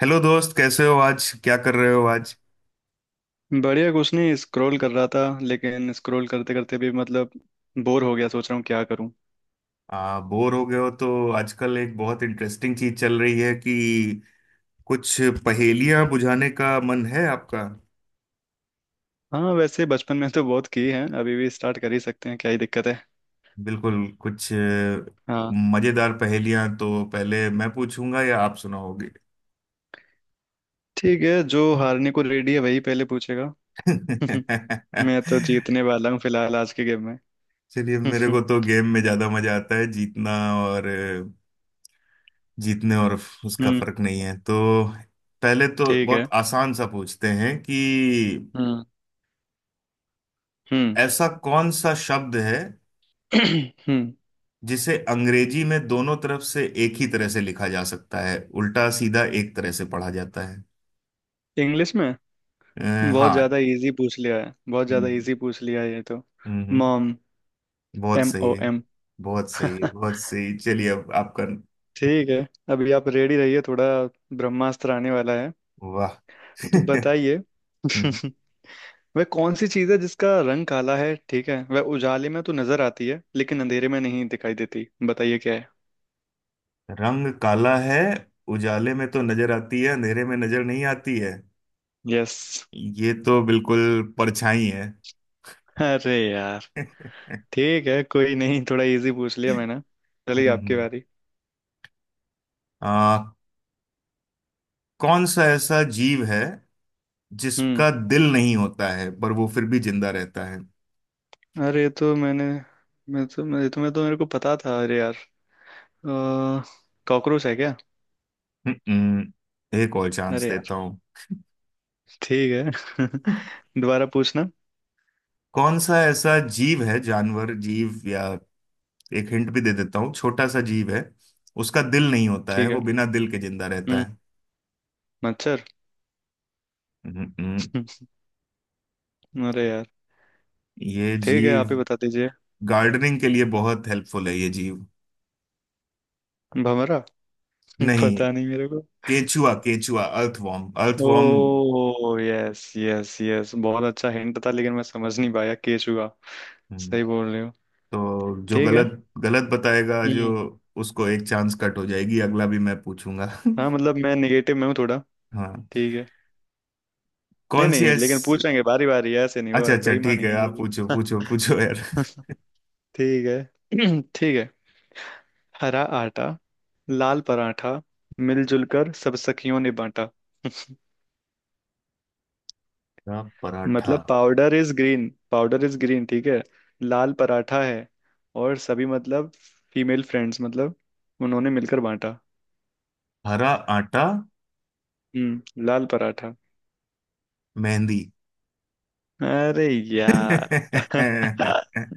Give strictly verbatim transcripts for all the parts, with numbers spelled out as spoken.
Hello दोस्त, कैसे हो? आज क्या कर रहे हो आज? बढ़िया। कुछ नहीं, स्क्रॉल कर रहा था, लेकिन स्क्रॉल करते करते भी मतलब बोर हो गया। सोच रहा हूँ क्या करूँ। आ, बोर हो गए हो तो आजकल एक बहुत इंटरेस्टिंग चीज चल रही है कि कुछ पहेलियां बुझाने का मन है आपका। हाँ, वैसे बचपन में तो बहुत की है। अभी भी स्टार्ट कर ही सकते हैं, क्या ही दिक्कत है। बिल्कुल। कुछ अ, हाँ। मजेदार पहेलियां तो पहले मैं पूछूंगा या आप सुनाओगे? ठीक है, जो हारने को रेडी है वही पहले पूछेगा। मैं तो जीतने वाला हूँ फिलहाल आज के गेम में। चलिए, मेरे को तो गेम में ज्यादा मजा आता है जीतना। और अ, जीतने और उसका हम्म। फर्क नहीं है तो पहले तो ठीक बहुत है। आसान सा पूछते हैं कि हम्म। हम्म। ऐसा कौन सा शब्द है हम्म जिसे अंग्रेजी में दोनों तरफ से एक ही तरह से लिखा जा सकता है, उल्टा सीधा एक तरह से पढ़ा जाता है। इंग्लिश में? अ, बहुत हाँ। ज्यादा इजी पूछ लिया है, बहुत ज्यादा हम्म। इजी पूछ लिया है ये तो। हम्म, हम्म। मॉम। बहुत एम सही ओ है। एम बहुत सही है, बहुत सही। चलिए, अब आपका। ठीक है। अभी आप रेडी रहिए, थोड़ा ब्रह्मास्त्र आने वाला है। वाह। तो बताइए। हम्म, वह कौन सी चीज है जिसका रंग काला है? ठीक है, वह उजाले में तो नजर आती है लेकिन अंधेरे में नहीं दिखाई देती। बताइए क्या है। रंग काला है, उजाले में तो नजर आती है, अंधेरे में नजर नहीं आती है। यस। ये तो बिल्कुल परछाई है। अरे यार। ठीक है, कोई नहीं, थोड़ा इजी पूछ लिया मैंने। चलिए, आपकी हम्म। बारी। आ, कौन सा ऐसा जीव है हम्म। जिसका दिल नहीं होता है पर वो फिर भी जिंदा रहता है? अरे, ये तो मैंने मैं तो मैं तो, मैं तो मेरे को पता था। अरे यार। अ, कॉकरोच है क्या? हम्म, एक और चांस अरे यार। देता हूँ। ठीक है। दोबारा पूछना। कौन सा ऐसा जीव है, जानवर जीव या एक हिंट भी दे देता हूँ, छोटा सा जीव है, उसका दिल नहीं होता है, ठीक है। वो बिना दिल के जिंदा रहता हम्म। है। मच्छर। हम्म, अरे यार। ये ठीक है, जीव आप ही बता दीजिए। गार्डनिंग के लिए बहुत हेल्पफुल है, ये जीव। भमरा। नहीं। पता नहीं मेरे को। केचुआ, केचुआ। Earthworm, earthworm. ओ, यस, यस, यस, बहुत अच्छा हिंट था लेकिन मैं समझ नहीं पाया। केचुआ। हम्म। सही बोल रहे हो। तो जो ठीक है। गलत गलत बताएगा, जो हम्म। उसको एक चांस कट हो जाएगी, अगला भी मैं पूछूंगा। हाँ, मतलब मैं निगेटिव में हूँ थोड़ा। हाँ। ठीक है। नहीं, कौन सी नहीं, लेकिन ऐसी। पूछेंगे बारी बारी, ऐसे नहीं अच्छा, होगा, अच्छा, ठीक बेईमानी है, नहीं आप होगी। पूछो पूछो पूछो, यार। ठीक है। ठीक है। हरा आटा, लाल पराठा, मिलजुल कर सब सखियों ने बांटा। हरा पराठा। मतलब powder is green, powder is green, ठीक है। लाल पराठा है। और सभी मतलब फीमेल फ्रेंड्स, मतलब उन्होंने मिलकर बांटा। हरा आटा। हम्म, लाल पराठा। मेहंदी। अरे यार। अ,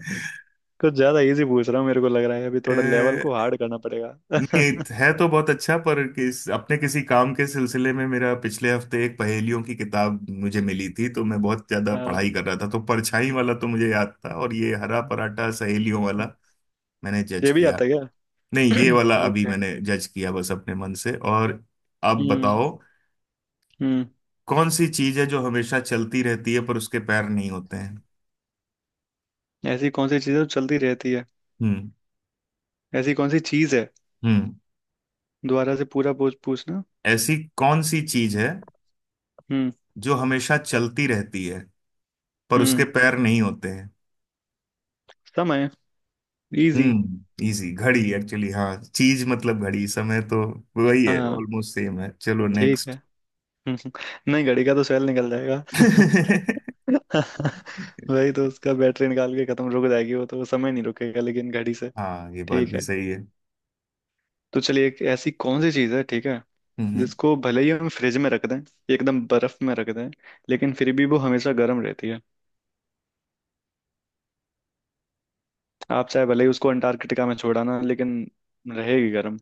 कुछ ज्यादा इजी पूछ रहा हूँ मेरे को लग रहा है, अभी थोड़ा लेवल को हार्ड करना पड़ेगा। नहीं, है तो बहुत अच्छा पर किस अपने किसी काम के सिलसिले में, मेरा पिछले हफ्ते एक पहेलियों की किताब मुझे मिली थी, तो मैं बहुत ज्यादा पढ़ाई हाँ, कर रहा था, तो परछाई वाला तो मुझे याद था और ये हरा पराठा सहेलियों वाला मैंने जज ये भी किया। आता है। नहीं, क्या? ये वाला अभी ओके। मैंने जज किया बस अपने मन से। और अब हम्म। बताओ, हम्म। कौन सी चीज है जो हमेशा चलती रहती है पर उसके पैर नहीं होते हैं? ऐसी कौन सी चीज़ है जो चलती रहती है। हम्म। ऐसी कौन सी चीज़ है? हम्म। दोबारा से पूरा पूछ पूछना। ऐसी कौन सी चीज है हम्म। जो हमेशा चलती रहती है पर उसके हम्म। पैर नहीं होते हैं? समय। इजी। हम्म। इजी, घड़ी एक्चुअली। हाँ, चीज मतलब घड़ी समय तो वही है, हाँ, ऑलमोस्ट सेम है। चलो ठीक नेक्स्ट। है। नहीं, घड़ी का तो सेल निकल जाएगा। वही तो, उसका बैटरी निकाल के खत्म रुक जाएगी वो तो। वो समय नहीं रुकेगा लेकिन घड़ी से। हाँ, ये बात ठीक भी है। सही है। तो चलिए, एक ऐसी कौन सी चीज है, ठीक है, हम्म। हम्म। जिसको भले ही हम फ्रिज में रख दें, एकदम बर्फ में रख दें, लेकिन फिर भी वो हमेशा गर्म रहती है। आप चाहे भले ही उसको अंटार्कटिका में छोड़ाना लेकिन रहेगी गर्म।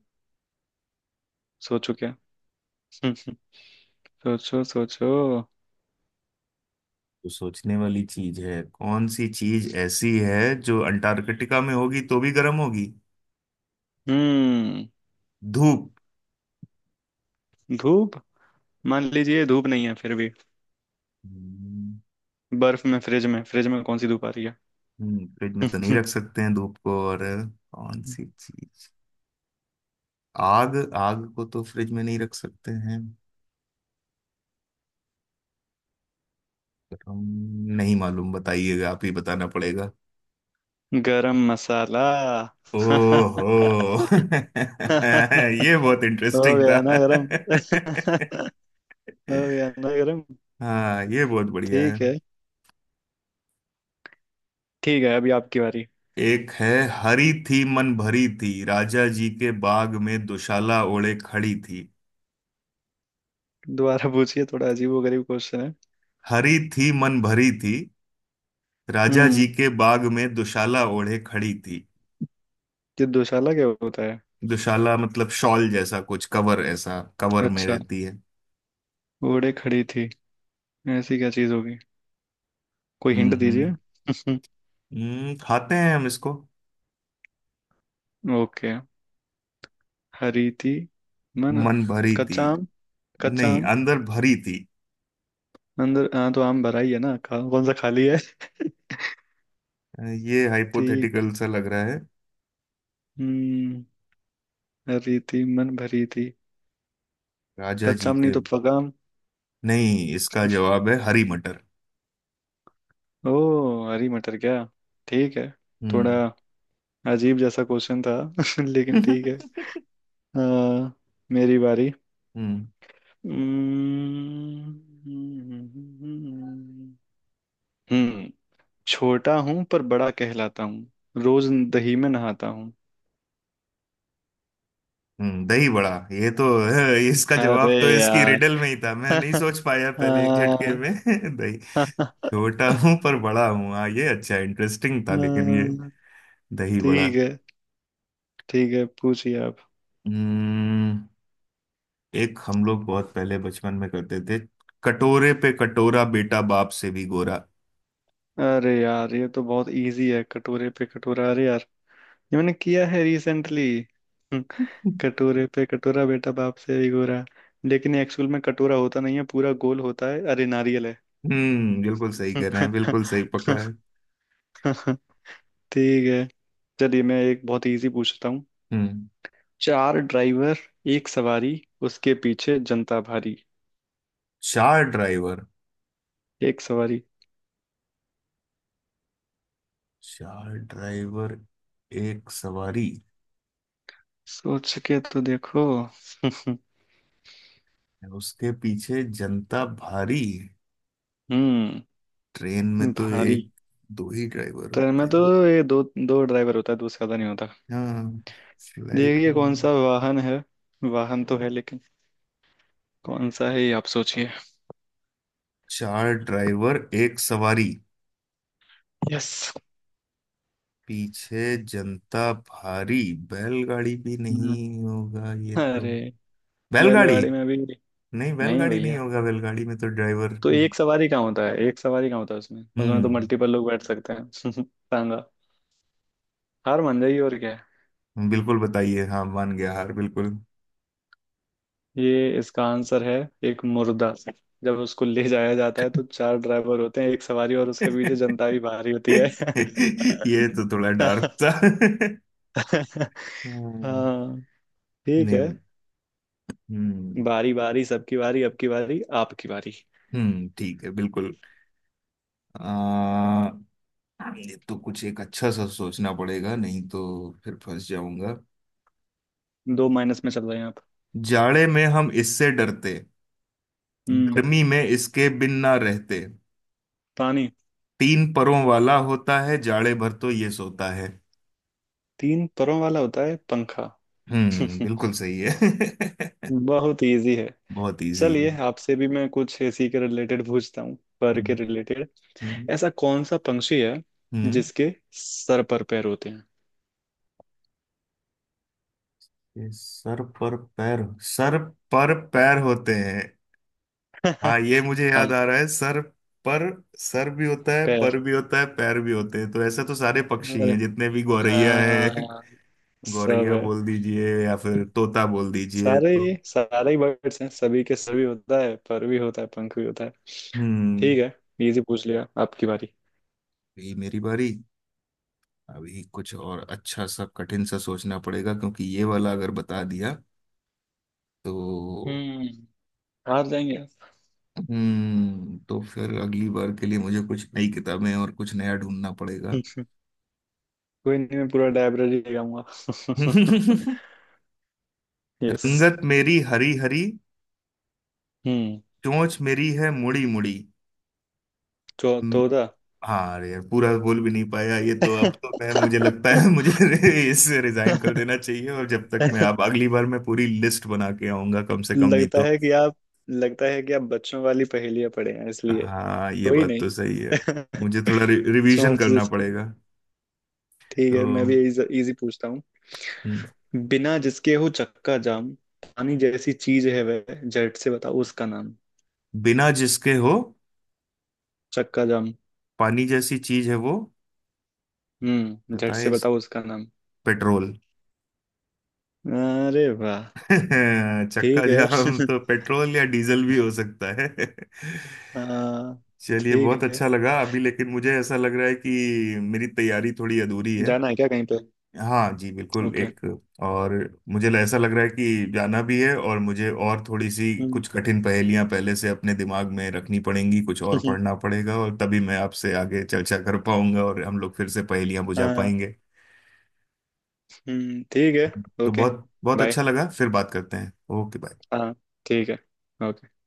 सोचो क्या। सोचो, सोचो। तो सोचने वाली चीज है, कौन सी चीज ऐसी है जो अंटार्कटिका में होगी तो भी गर्म होगी? हम्म। धूप। मान लीजिए धूप नहीं है फिर भी। धूप। बर्फ में, फ्रिज में, फ्रिज में कौन सी धूप आ रही है? हम्म, फ्रिज में तो नहीं रख सकते हैं धूप को। और कौन सी चीज? आग। आग को तो फ्रिज में नहीं रख सकते हैं पर हम नहीं मालूम, बताइएगा, आप ही बताना पड़ेगा। गरम मसाला। ओहो। ये बहुत हो इंटरेस्टिंग था। गया ना गरम। हो गया ना गरम। हाँ, ये बहुत बढ़िया है। ठीक है। ठीक है, अभी आपकी बारी। एक है, हरी थी मन भरी थी, राजा जी के बाग में दुशाला ओढ़े खड़ी थी। दोबारा पूछिए, थोड़ा अजीबोगरीब क्वेश्चन है। हरी थी मन भरी थी, राजा जी हम्म, के बाग में दुशाला ओढ़े खड़ी थी। ये दुशाला क्या होता है? दुशाला मतलब शॉल जैसा कुछ कवर, ऐसा कवर में अच्छा। रहती है। ओड़े खड़ी थी? ऐसी क्या चीज होगी? कोई हम्म। हिंट दीजिए। हम्म। हम्म, खाते हैं हम इसको। ओके। हरी थी, मन। मन भरी थी। कच्चा आम, कच्चा नहीं, आम। अंदर भरी थी। अंदर? हाँ, तो आम भरा ही है ना, खा, कौन सा खाली है। ये थी। हाइपोथेटिकल सा लग रहा है। हम्म, हरी थी मन भरी थी। राजा कच्चा जी आम नहीं के। तो पका आम। नहीं, इसका जवाब है हरी मटर। ओ। हरी मटर? क्या, ठीक है। थोड़ा हम्म। अजीब जैसा क्वेश्चन था। लेकिन ठीक है। अ, मेरी बारी। हम्म। हम्म। हम्म, हम्म, छोटा हूं पर बड़ा कहलाता हूँ, रोज दही में नहाता हूँ। हम्म, दही बड़ा, ये तो है, इसका अरे जवाब तो इसकी यार। रिडल में ही था, मैं नहीं सोच पाया पहले एक झटके हाँ। में। दही, छोटा हूं पर बड़ा हूं, हाँ, ये अच्छा इंटरेस्टिंग था। लेकिन ये दही बड़ा। ठीक है। ठीक है, पूछिए आप। हम्म, एक हम लोग बहुत पहले बचपन में करते थे, कटोरे पे कटोरा बेटा बाप से भी गोरा। अरे यार, ये तो बहुत इजी है, कटोरे पे कटोरा। अरे, ये मैंने किया है रिसेंटली। कटोरे पे कटोरा, बेटा बाप से भी गोरा। लेकिन एक्चुअल में कटोरा होता नहीं है, पूरा गोल होता है। अरे, नारियल है। हम्म, बिल्कुल सही कह रहे हैं, बिल्कुल सही पकड़ा है। ठीक है, चलिए मैं एक बहुत इजी पूछता हूँ। हम्म। चार ड्राइवर, एक सवारी, उसके पीछे जनता भारी। चार ड्राइवर। एक सवारी। चार ड्राइवर एक सवारी सोच के तो देखो। उसके पीछे जनता भारी। हम्म। ट्रेन में तो भारी। एक दो ही ड्राइवर ट्रेन होते में तो हैं। ये दो, दो ड्राइवर होता है, दूसरा तो नहीं होता। हाँ, फ्लाइट देखिए, कौन में। सा वाहन है। वाहन तो है लेकिन कौन सा है, ये आप सोचिए। चार ड्राइवर एक सवारी यस। पीछे जनता भारी। बैलगाड़ी भी हम्म। नहीं होगा ये तो। अरे, बैलगाड़ी। बैलगाड़ी में भी। नहीं, नहीं बैलगाड़ी नहीं भैया, होगा, बैलगाड़ी में तो ड्राइवर। तो एक सवारी कहाँ होता है? एक सवारी कहाँ होता है उसमें उसमें तो हम्म। मल्टीपल लोग बैठ सकते हैं। सांगा, हार मान जाइए, और क्या है। बिल्कुल बताइए, हाँ मान गया, हार बिल्कुल। ये इसका आंसर है, एक मुर्दा। जब उसको ले जाया जाता है तो चार ड्राइवर होते हैं, एक सवारी, और उसके पीछे जनता भी भारी होती है। ये तो थोड़ा डार्क था। हम्म। हाँ। ठीक है। नहीं। हम्म। बारी बारी सबकी बारी, अब की बारी आपकी बारी। हम्म, ठीक है बिल्कुल। आ, ये तो कुछ एक अच्छा सा सोचना पड़ेगा, नहीं तो फिर फंस जाऊंगा। दो माइनस में चल रहे हैं आप। जाड़े में हम इससे डरते, हम्म। गर्मी में इसके बिन ना रहते, पानी। तीन परों वाला होता है, जाड़े भर तो ये सोता है। तीन परों वाला होता है, पंखा। हम्म, बिल्कुल सही है। बहुत इजी है। बहुत इजी चलिए, है। आपसे भी मैं कुछ इसी के रिलेटेड पूछता हूँ। पर के हम्म। रिलेटेड। हम्म। ऐसा कौन सा पंक्षी है हम्म। जिसके सर पर पैर होते हैं? ये सर पर पैर, सर पर पैर होते हैं। हाँ, ये मुझे याद हाँ। आ रहा है, सर पर, सर भी होता है, पैर। पर भी होता है, पैर भी होते हैं, तो ऐसे तो सारे पक्षी अरे। हैं जितने भी, गौरैया है। हाँ, सब गौरैया है। बोल दीजिए या फिर तोता बोल दीजिए सारे तो। ही सारे ही बर्ड्स हैं, सभी के सभी होता है, पर भी होता है, पंख भी होता है। हम्म। ठीक है, इजी पूछ लिया। आपकी बारी। ये मेरी बारी। अभी कुछ और अच्छा सा कठिन सा सोचना पड़ेगा, क्योंकि ये वाला अगर बता दिया तो। हम्म। हार जाएंगे आप। हम्म, तो फिर अगली बार के लिए मुझे कुछ नई किताबें और कुछ नया ढूंढना पड़ेगा। कोई नहीं, मैं पूरा डायब्रेरी ले आऊंगा। यस। रंगत मेरी हरी हरी, हम्म। चोंच मेरी है मुड़ी मुड़ी। चौ हम्म, चौदह। हाँ, अरे यार, पूरा बोल भी नहीं पाया ये तो, अब तो मैं मुझे लगता है मुझे इससे रिजाइन कर देना चाहिए, और जब तक मैं, आप अगली बार मैं पूरी लिस्ट बना के आऊंगा कम से कम, नहीं लगता तो। है कि आप लगता है कि आप बच्चों वाली पहेलियां पढ़े हैं इसलिए। हाँ, ये कोई बात नहीं। तो सही है। मुझे थोड़ा रि, रिवीजन सोच करना जिसकी। पड़ेगा ठीक तो। है, मैं भी इजी पूछता हूँ। हम्म, बिना जिसके हो चक्का जाम, पानी जैसी चीज है वह, झट से बताओ उसका नाम। बिना जिसके हो, चक्का जाम। पानी जैसी चीज है वो, हम्म, झट बताए से इस, बताओ उसका नाम। पेट्रोल। अरे वाह। चक्का ठीक जाम है। तो पेट्रोल या डीजल भी हो सकता है। हाँ। चलिए, बहुत ठीक है। अच्छा लगा अभी, लेकिन मुझे ऐसा लग रहा है कि मेरी तैयारी थोड़ी अधूरी है। जाना है क्या कहीं पे? हाँ जी, बिल्कुल ओके। एक और मुझे ऐसा लग रहा है कि जाना भी है, और मुझे और थोड़ी सी कुछ हम्म। कठिन पहेलियां पहले से अपने दिमाग में रखनी पड़ेंगी, कुछ और पढ़ना पड़ेगा, और तभी मैं आपसे आगे चर्चा कर पाऊंगा और हम लोग फिर से पहेलियां बुझा हाँ। पाएंगे। हम्म, ठीक है। तो ओके। बहुत बहुत अच्छा बाय। लगा, फिर बात करते हैं। Okay, bye. हाँ। ठीक है। ओके।